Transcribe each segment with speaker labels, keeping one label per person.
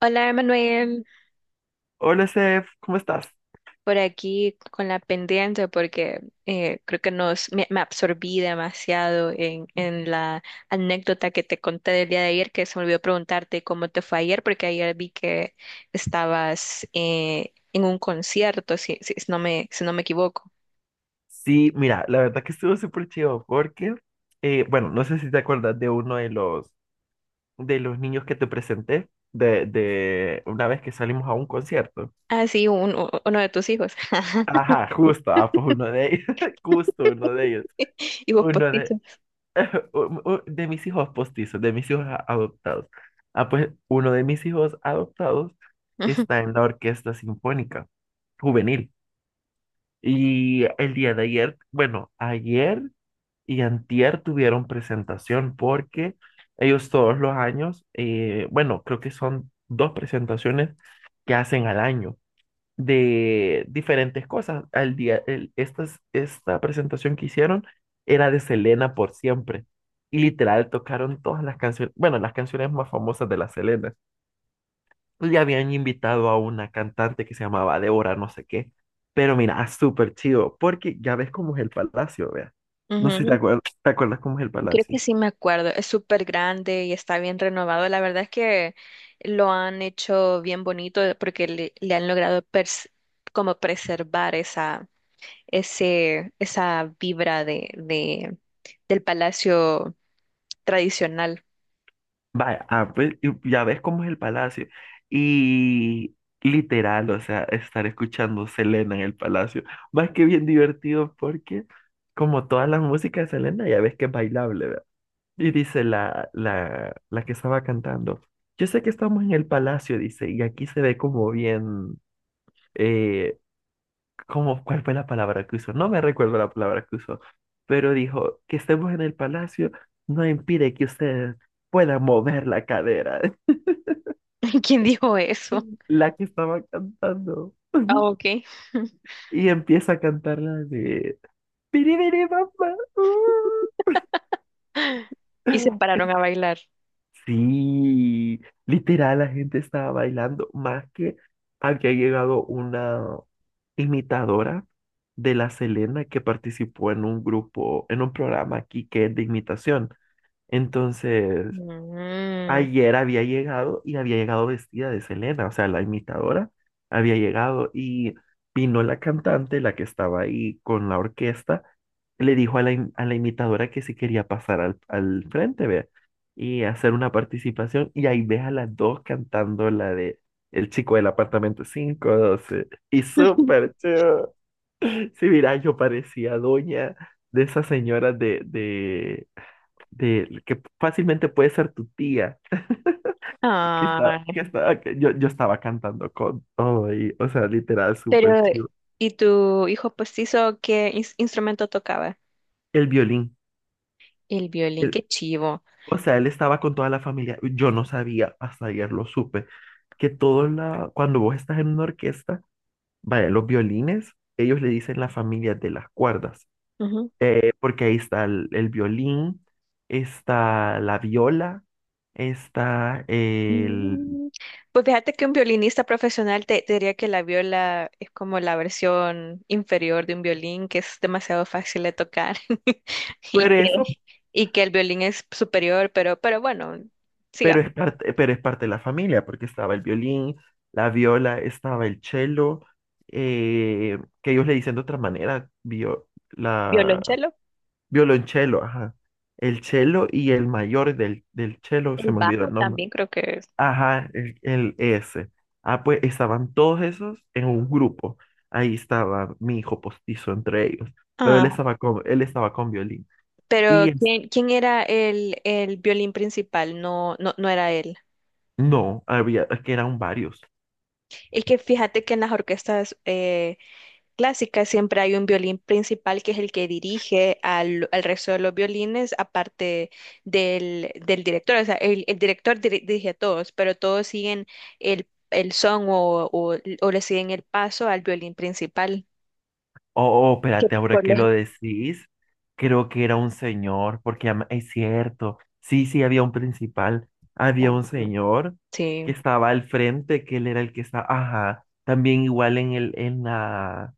Speaker 1: Hola, Manuel,
Speaker 2: Hola, Sef, ¿cómo estás?
Speaker 1: por aquí con la pendiente porque creo que me absorbí demasiado en la anécdota que te conté del día de ayer, que se me olvidó preguntarte cómo te fue ayer, porque ayer vi que estabas en un concierto, si no si no me equivoco.
Speaker 2: Sí, mira, la verdad que estuvo súper chido porque, bueno, no sé si te acuerdas de uno de de los niños que te presenté de una vez que salimos a un concierto.
Speaker 1: Ah, sí, uno de tus hijos.
Speaker 2: Ajá, justo, ah, pues uno de ellos, justo uno de ellos,
Speaker 1: Y vos
Speaker 2: uno de,
Speaker 1: postizo.
Speaker 2: de mis hijos postizos, de mis hijos adoptados. Ah, pues uno de mis hijos adoptados está en la Orquesta Sinfónica Juvenil. Y el día de ayer, bueno, ayer... y antier tuvieron presentación porque ellos todos los años, bueno, creo que son dos presentaciones que hacen al año de diferentes cosas. Al día, esta presentación que hicieron era de Selena por siempre y literal tocaron todas las canciones, bueno, las canciones más famosas de la Selena, pues ya habían invitado a una cantante que se llamaba Débora, no sé qué. Pero mira, ah, súper chido, porque ya ves cómo es el palacio, vea. No sé si te
Speaker 1: Ujú.
Speaker 2: acuerdas, te acuerdas cómo es el
Speaker 1: Creo que
Speaker 2: palacio.
Speaker 1: sí me acuerdo, es súper grande y está bien renovado. La verdad es que lo han hecho bien bonito porque le han logrado como preservar esa vibra del palacio tradicional.
Speaker 2: Vaya, ah, pues, y ya ves cómo es el palacio. Y literal, o sea, estar escuchando Selena en el palacio, más que bien divertido porque como toda la música de Selena, ya ves que es bailable, ¿verdad? Y dice la que estaba cantando, yo sé que estamos en el palacio, dice, y aquí se ve como bien, eh, ¿cómo, cuál fue la palabra que usó? No me recuerdo la palabra que usó, pero dijo que estemos en el palacio no impide que ustedes puedan mover la cadera,
Speaker 1: ¿Quién dijo eso?
Speaker 2: la que estaba cantando.
Speaker 1: Ah, ok.
Speaker 2: Y empieza a cantar la de "Piribiri, papá, uh".
Speaker 1: Y se pararon a bailar.
Speaker 2: Sí, literal, la gente estaba bailando más que había llegado una imitadora de la Selena que participó en un grupo, en un programa aquí que es de imitación. Entonces,
Speaker 1: Mm.
Speaker 2: ayer había llegado y había llegado vestida de Selena, o sea, la imitadora había llegado y vino la cantante, la que estaba ahí con la orquesta, le dijo a a la imitadora que si quería pasar al frente, ve, y hacer una participación, y ahí ves a las dos cantando la de El chico del apartamento 512 y súper chido. Sí, mira, yo parecía doña de esas señoras que fácilmente puede ser tu tía, que estaba,
Speaker 1: Ay,
Speaker 2: que estaba, que yo estaba cantando con todo ahí, o sea, literal, súper
Speaker 1: pero,
Speaker 2: chido.
Speaker 1: ¿y tu hijo postizo qué instrumento tocaba?
Speaker 2: El violín,
Speaker 1: El violín,
Speaker 2: el-
Speaker 1: qué chivo.
Speaker 2: o sea, él estaba con toda la familia, yo no sabía, hasta ayer lo supe, que todo la, cuando vos estás en una orquesta, vaya, los violines, ellos le dicen la familia de las cuerdas.
Speaker 1: Ujú.
Speaker 2: Porque ahí está el violín, está la viola, está el...
Speaker 1: Mm, pues fíjate que un violinista profesional te diría que la viola es como la versión inferior de un violín que es demasiado fácil de tocar y
Speaker 2: Pero eso,
Speaker 1: que, y que el violín es superior, pero bueno, sigamos.
Speaker 2: pero es parte de la familia, porque estaba el violín, la viola, estaba el cello, que ellos le dicen de otra manera,
Speaker 1: Violonchelo,
Speaker 2: violonchelo, ajá. El cello y el mayor del cello,
Speaker 1: el
Speaker 2: se me olvidó
Speaker 1: bajo
Speaker 2: el nombre.
Speaker 1: también creo que es.
Speaker 2: Ajá, el ese. Ah, pues estaban todos esos en un grupo. Ahí estaba mi hijo postizo entre ellos, pero
Speaker 1: Ah,
Speaker 2: él estaba con violín.
Speaker 1: pero
Speaker 2: Y es-
Speaker 1: quién era el violín principal? No, no, no era él.
Speaker 2: no, había, es que eran varios.
Speaker 1: Es que fíjate que en las orquestas clásicas siempre hay un violín principal que es el que dirige al resto de los violines, aparte del director. O sea, el director dirige a todos, pero todos siguen el son o le siguen el paso al violín principal.
Speaker 2: Oh, oh,
Speaker 1: Que
Speaker 2: espérate, ahora
Speaker 1: por
Speaker 2: que
Speaker 1: los...
Speaker 2: lo decís, creo que era un señor, porque es cierto, sí, había un principal, había un señor que
Speaker 1: Sí.
Speaker 2: estaba al frente, que él era el que estaba, ajá, también igual en el, en la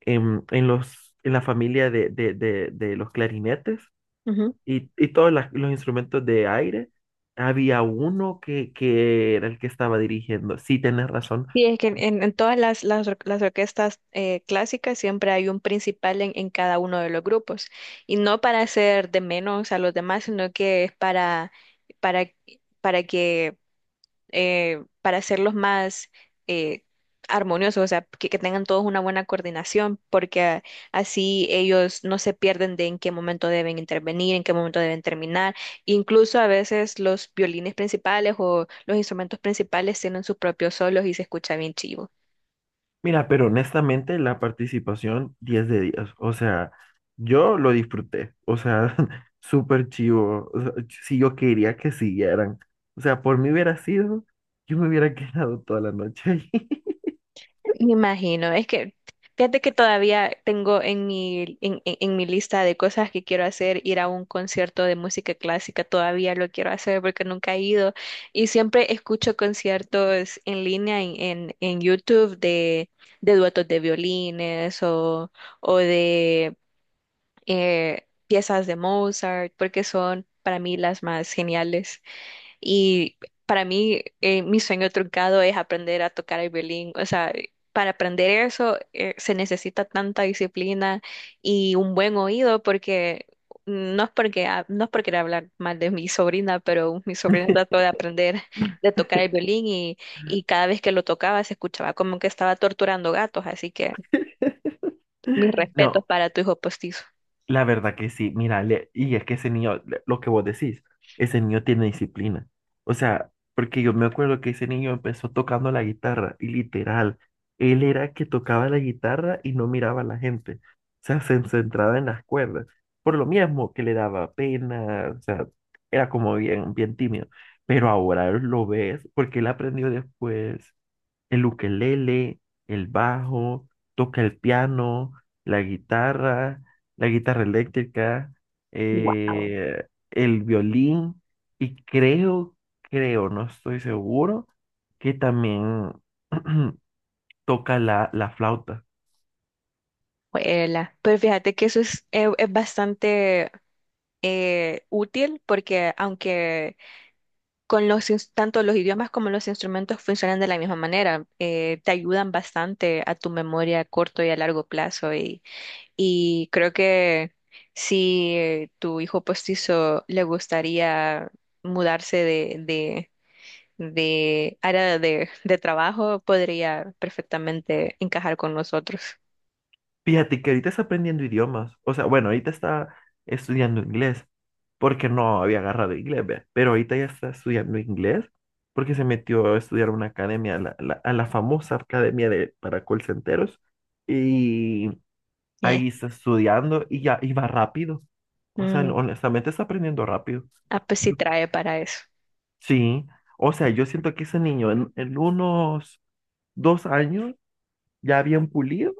Speaker 2: en en la familia de los clarinetes
Speaker 1: Ujú.
Speaker 2: y, y todos los instrumentos de aire. Había uno que era el que estaba dirigiendo. Sí, tenés razón.
Speaker 1: Sí, es que en todas las orquestas clásicas siempre hay un principal en cada uno de los grupos. Y no para hacer de menos a los demás, sino que es para, para que para hacerlos más eh, armoniosos, o sea, que tengan todos una buena coordinación, porque así ellos no se pierden de en qué momento deben intervenir, en qué momento deben terminar. Incluso a veces los violines principales o los instrumentos principales tienen sus propios solos y se escucha bien chivo.
Speaker 2: Mira, pero honestamente la participación 10 de 10. O sea, yo lo disfruté. O sea, súper chivo. O sea, sí, yo quería que siguieran. O sea, por mí hubiera sido, yo me hubiera quedado toda la noche ahí.
Speaker 1: Me imagino, es que fíjate que todavía tengo en en mi lista de cosas que quiero hacer, ir a un concierto de música clásica, todavía lo quiero hacer porque nunca he ido y siempre escucho conciertos en línea en YouTube de duetos de violines o de piezas de Mozart, porque son para mí las más geniales. Y para mí, mi sueño truncado es aprender a tocar el violín. O sea, para aprender eso, se necesita tanta disciplina y un buen oído porque no es por querer hablar mal de mi sobrina, pero mi sobrina trató de aprender de tocar el violín y cada vez que lo tocaba se escuchaba como que estaba torturando gatos. Así que mis respetos
Speaker 2: No,
Speaker 1: para tu hijo postizo.
Speaker 2: la verdad que sí, mira, y es que ese niño, lo que vos decís, ese niño tiene disciplina. O sea, porque yo me acuerdo que ese niño empezó tocando la guitarra y literal, él era que tocaba la guitarra y no miraba a la gente. O sea, se centraba en las cuerdas. Por lo mismo que le daba pena, o sea, era como bien, bien tímido. Pero ahora lo ves porque él aprendió después el ukelele, el bajo, toca el piano, la guitarra, la guitarra eléctrica,
Speaker 1: Wow.
Speaker 2: eh, el violín y creo, creo, no estoy seguro, que también toca la flauta.
Speaker 1: Pero fíjate que eso es bastante útil porque aunque con tanto los idiomas como los instrumentos funcionan de la misma manera, te ayudan bastante a tu memoria a corto y a largo plazo y creo que si tu hijo postizo le gustaría mudarse de área de trabajo, podría perfectamente encajar con nosotros.
Speaker 2: Fíjate que ahorita está aprendiendo idiomas. O sea, bueno, ahorita está estudiando inglés porque no había agarrado inglés, ¿ve? Pero ahorita ya está estudiando inglés porque se metió a estudiar una academia, a a la famosa academia de, para call centeros. Y
Speaker 1: Eh,
Speaker 2: ahí está estudiando y ya iba rápido. O sea,
Speaker 1: mm,
Speaker 2: honestamente está aprendiendo rápido.
Speaker 1: ah, pues sí
Speaker 2: Yo-
Speaker 1: trae para eso.
Speaker 2: Sí, o sea, yo siento que ese niño en unos dos años ya bien pulido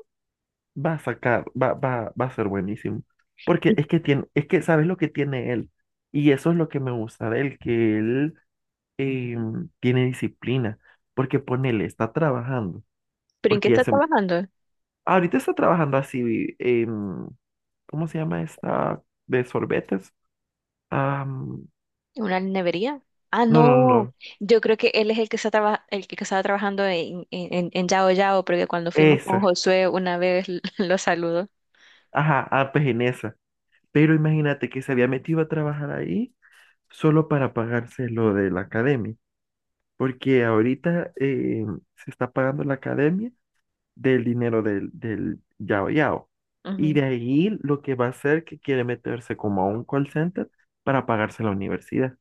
Speaker 2: va a sacar, va a ser buenísimo. Porque
Speaker 1: ¿Y
Speaker 2: es que tiene, es que sabes lo que tiene él. Y eso es lo que me gusta de él, que él eh, tiene disciplina. Porque ponele, está trabajando.
Speaker 1: pero en qué
Speaker 2: Porque ya
Speaker 1: está
Speaker 2: se,
Speaker 1: trabajando?
Speaker 2: ahorita está trabajando así, em, ¿cómo se llama esta de sorbetes? Am,
Speaker 1: ¿Una nevería? Ah,
Speaker 2: no, no,
Speaker 1: no.
Speaker 2: no.
Speaker 1: Yo creo que él es el que está el que estaba trabajando en Yao Yao, porque cuando fuimos con
Speaker 2: Esa.
Speaker 1: Josué una vez lo saludó.
Speaker 2: Ajá, ah, pues en esa. Pero imagínate que se había metido a trabajar ahí solo para pagarse lo de la academia. Porque ahorita se está pagando la academia del dinero del Yao Yao. Y
Speaker 1: Ujú.
Speaker 2: de ahí lo que va a hacer que quiere meterse como a un call center para pagarse la universidad.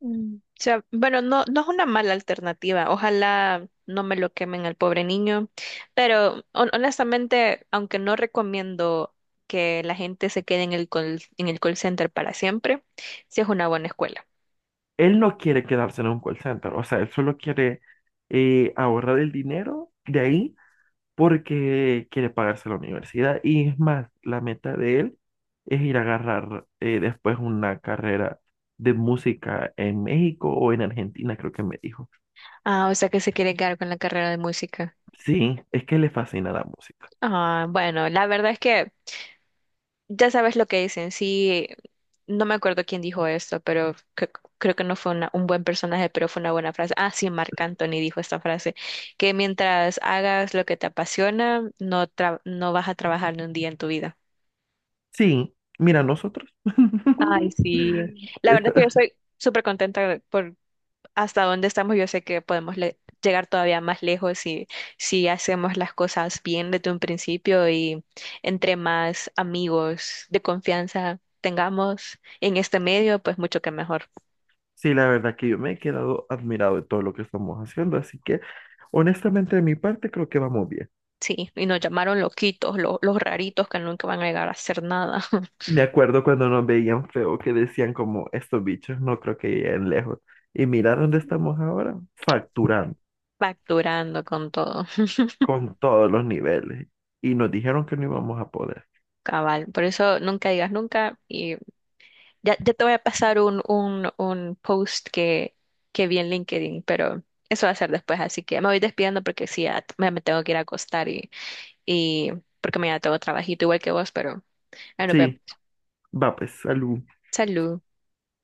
Speaker 1: Mm. O sea, bueno, no, no es una mala alternativa. Ojalá no me lo quemen al pobre niño. Pero honestamente, aunque no recomiendo que la gente se quede en en el call center para siempre, sí es una buena escuela.
Speaker 2: Él no quiere quedarse en un call center, o sea, él solo quiere ahorrar el dinero de ahí porque quiere pagarse la universidad. Y es más, la meta de él es ir a agarrar después una carrera de música en México o en Argentina, creo que me dijo.
Speaker 1: Ah, o sea que se quiere quedar con la carrera de música.
Speaker 2: Sí, es que le fascina la música.
Speaker 1: Ah, bueno, la verdad es que ya sabes lo que dicen, sí, no me acuerdo quién dijo esto, pero creo que no fue un buen personaje, pero fue una buena frase. Ah, sí, Marc Anthony dijo esta frase, que mientras hagas lo que te apasiona, no, no vas a trabajar ni un día en tu vida.
Speaker 2: Sí, mira, nosotros.
Speaker 1: Ay, sí. La verdad es que yo
Speaker 2: Esta-
Speaker 1: estoy súper contenta hasta dónde estamos, yo sé que podemos llegar todavía más lejos si, si hacemos las cosas bien desde un principio y entre más amigos de confianza tengamos en este medio, pues mucho que mejor.
Speaker 2: sí, la verdad que yo me he quedado admirado de todo lo que estamos haciendo, así que honestamente de mi parte creo que vamos bien.
Speaker 1: Sí, y nos llamaron loquitos, los raritos que nunca van a llegar a hacer nada,
Speaker 2: Me acuerdo cuando nos veían feo que decían como estos bichos no creo que lleguen lejos. Y mira dónde estamos ahora, facturando
Speaker 1: facturando con todo,
Speaker 2: con todos los niveles. Y nos dijeron que no íbamos a poder.
Speaker 1: cabal. Por eso nunca digas nunca. Ya te voy a pasar un post que vi en LinkedIn, pero eso va a ser después, así que me voy despidiendo porque sí, me tengo que ir a acostar y porque mañana tengo trabajito igual que vos, pero ahí nos
Speaker 2: Sí,
Speaker 1: vemos.
Speaker 2: va pues, salud.
Speaker 1: Salud.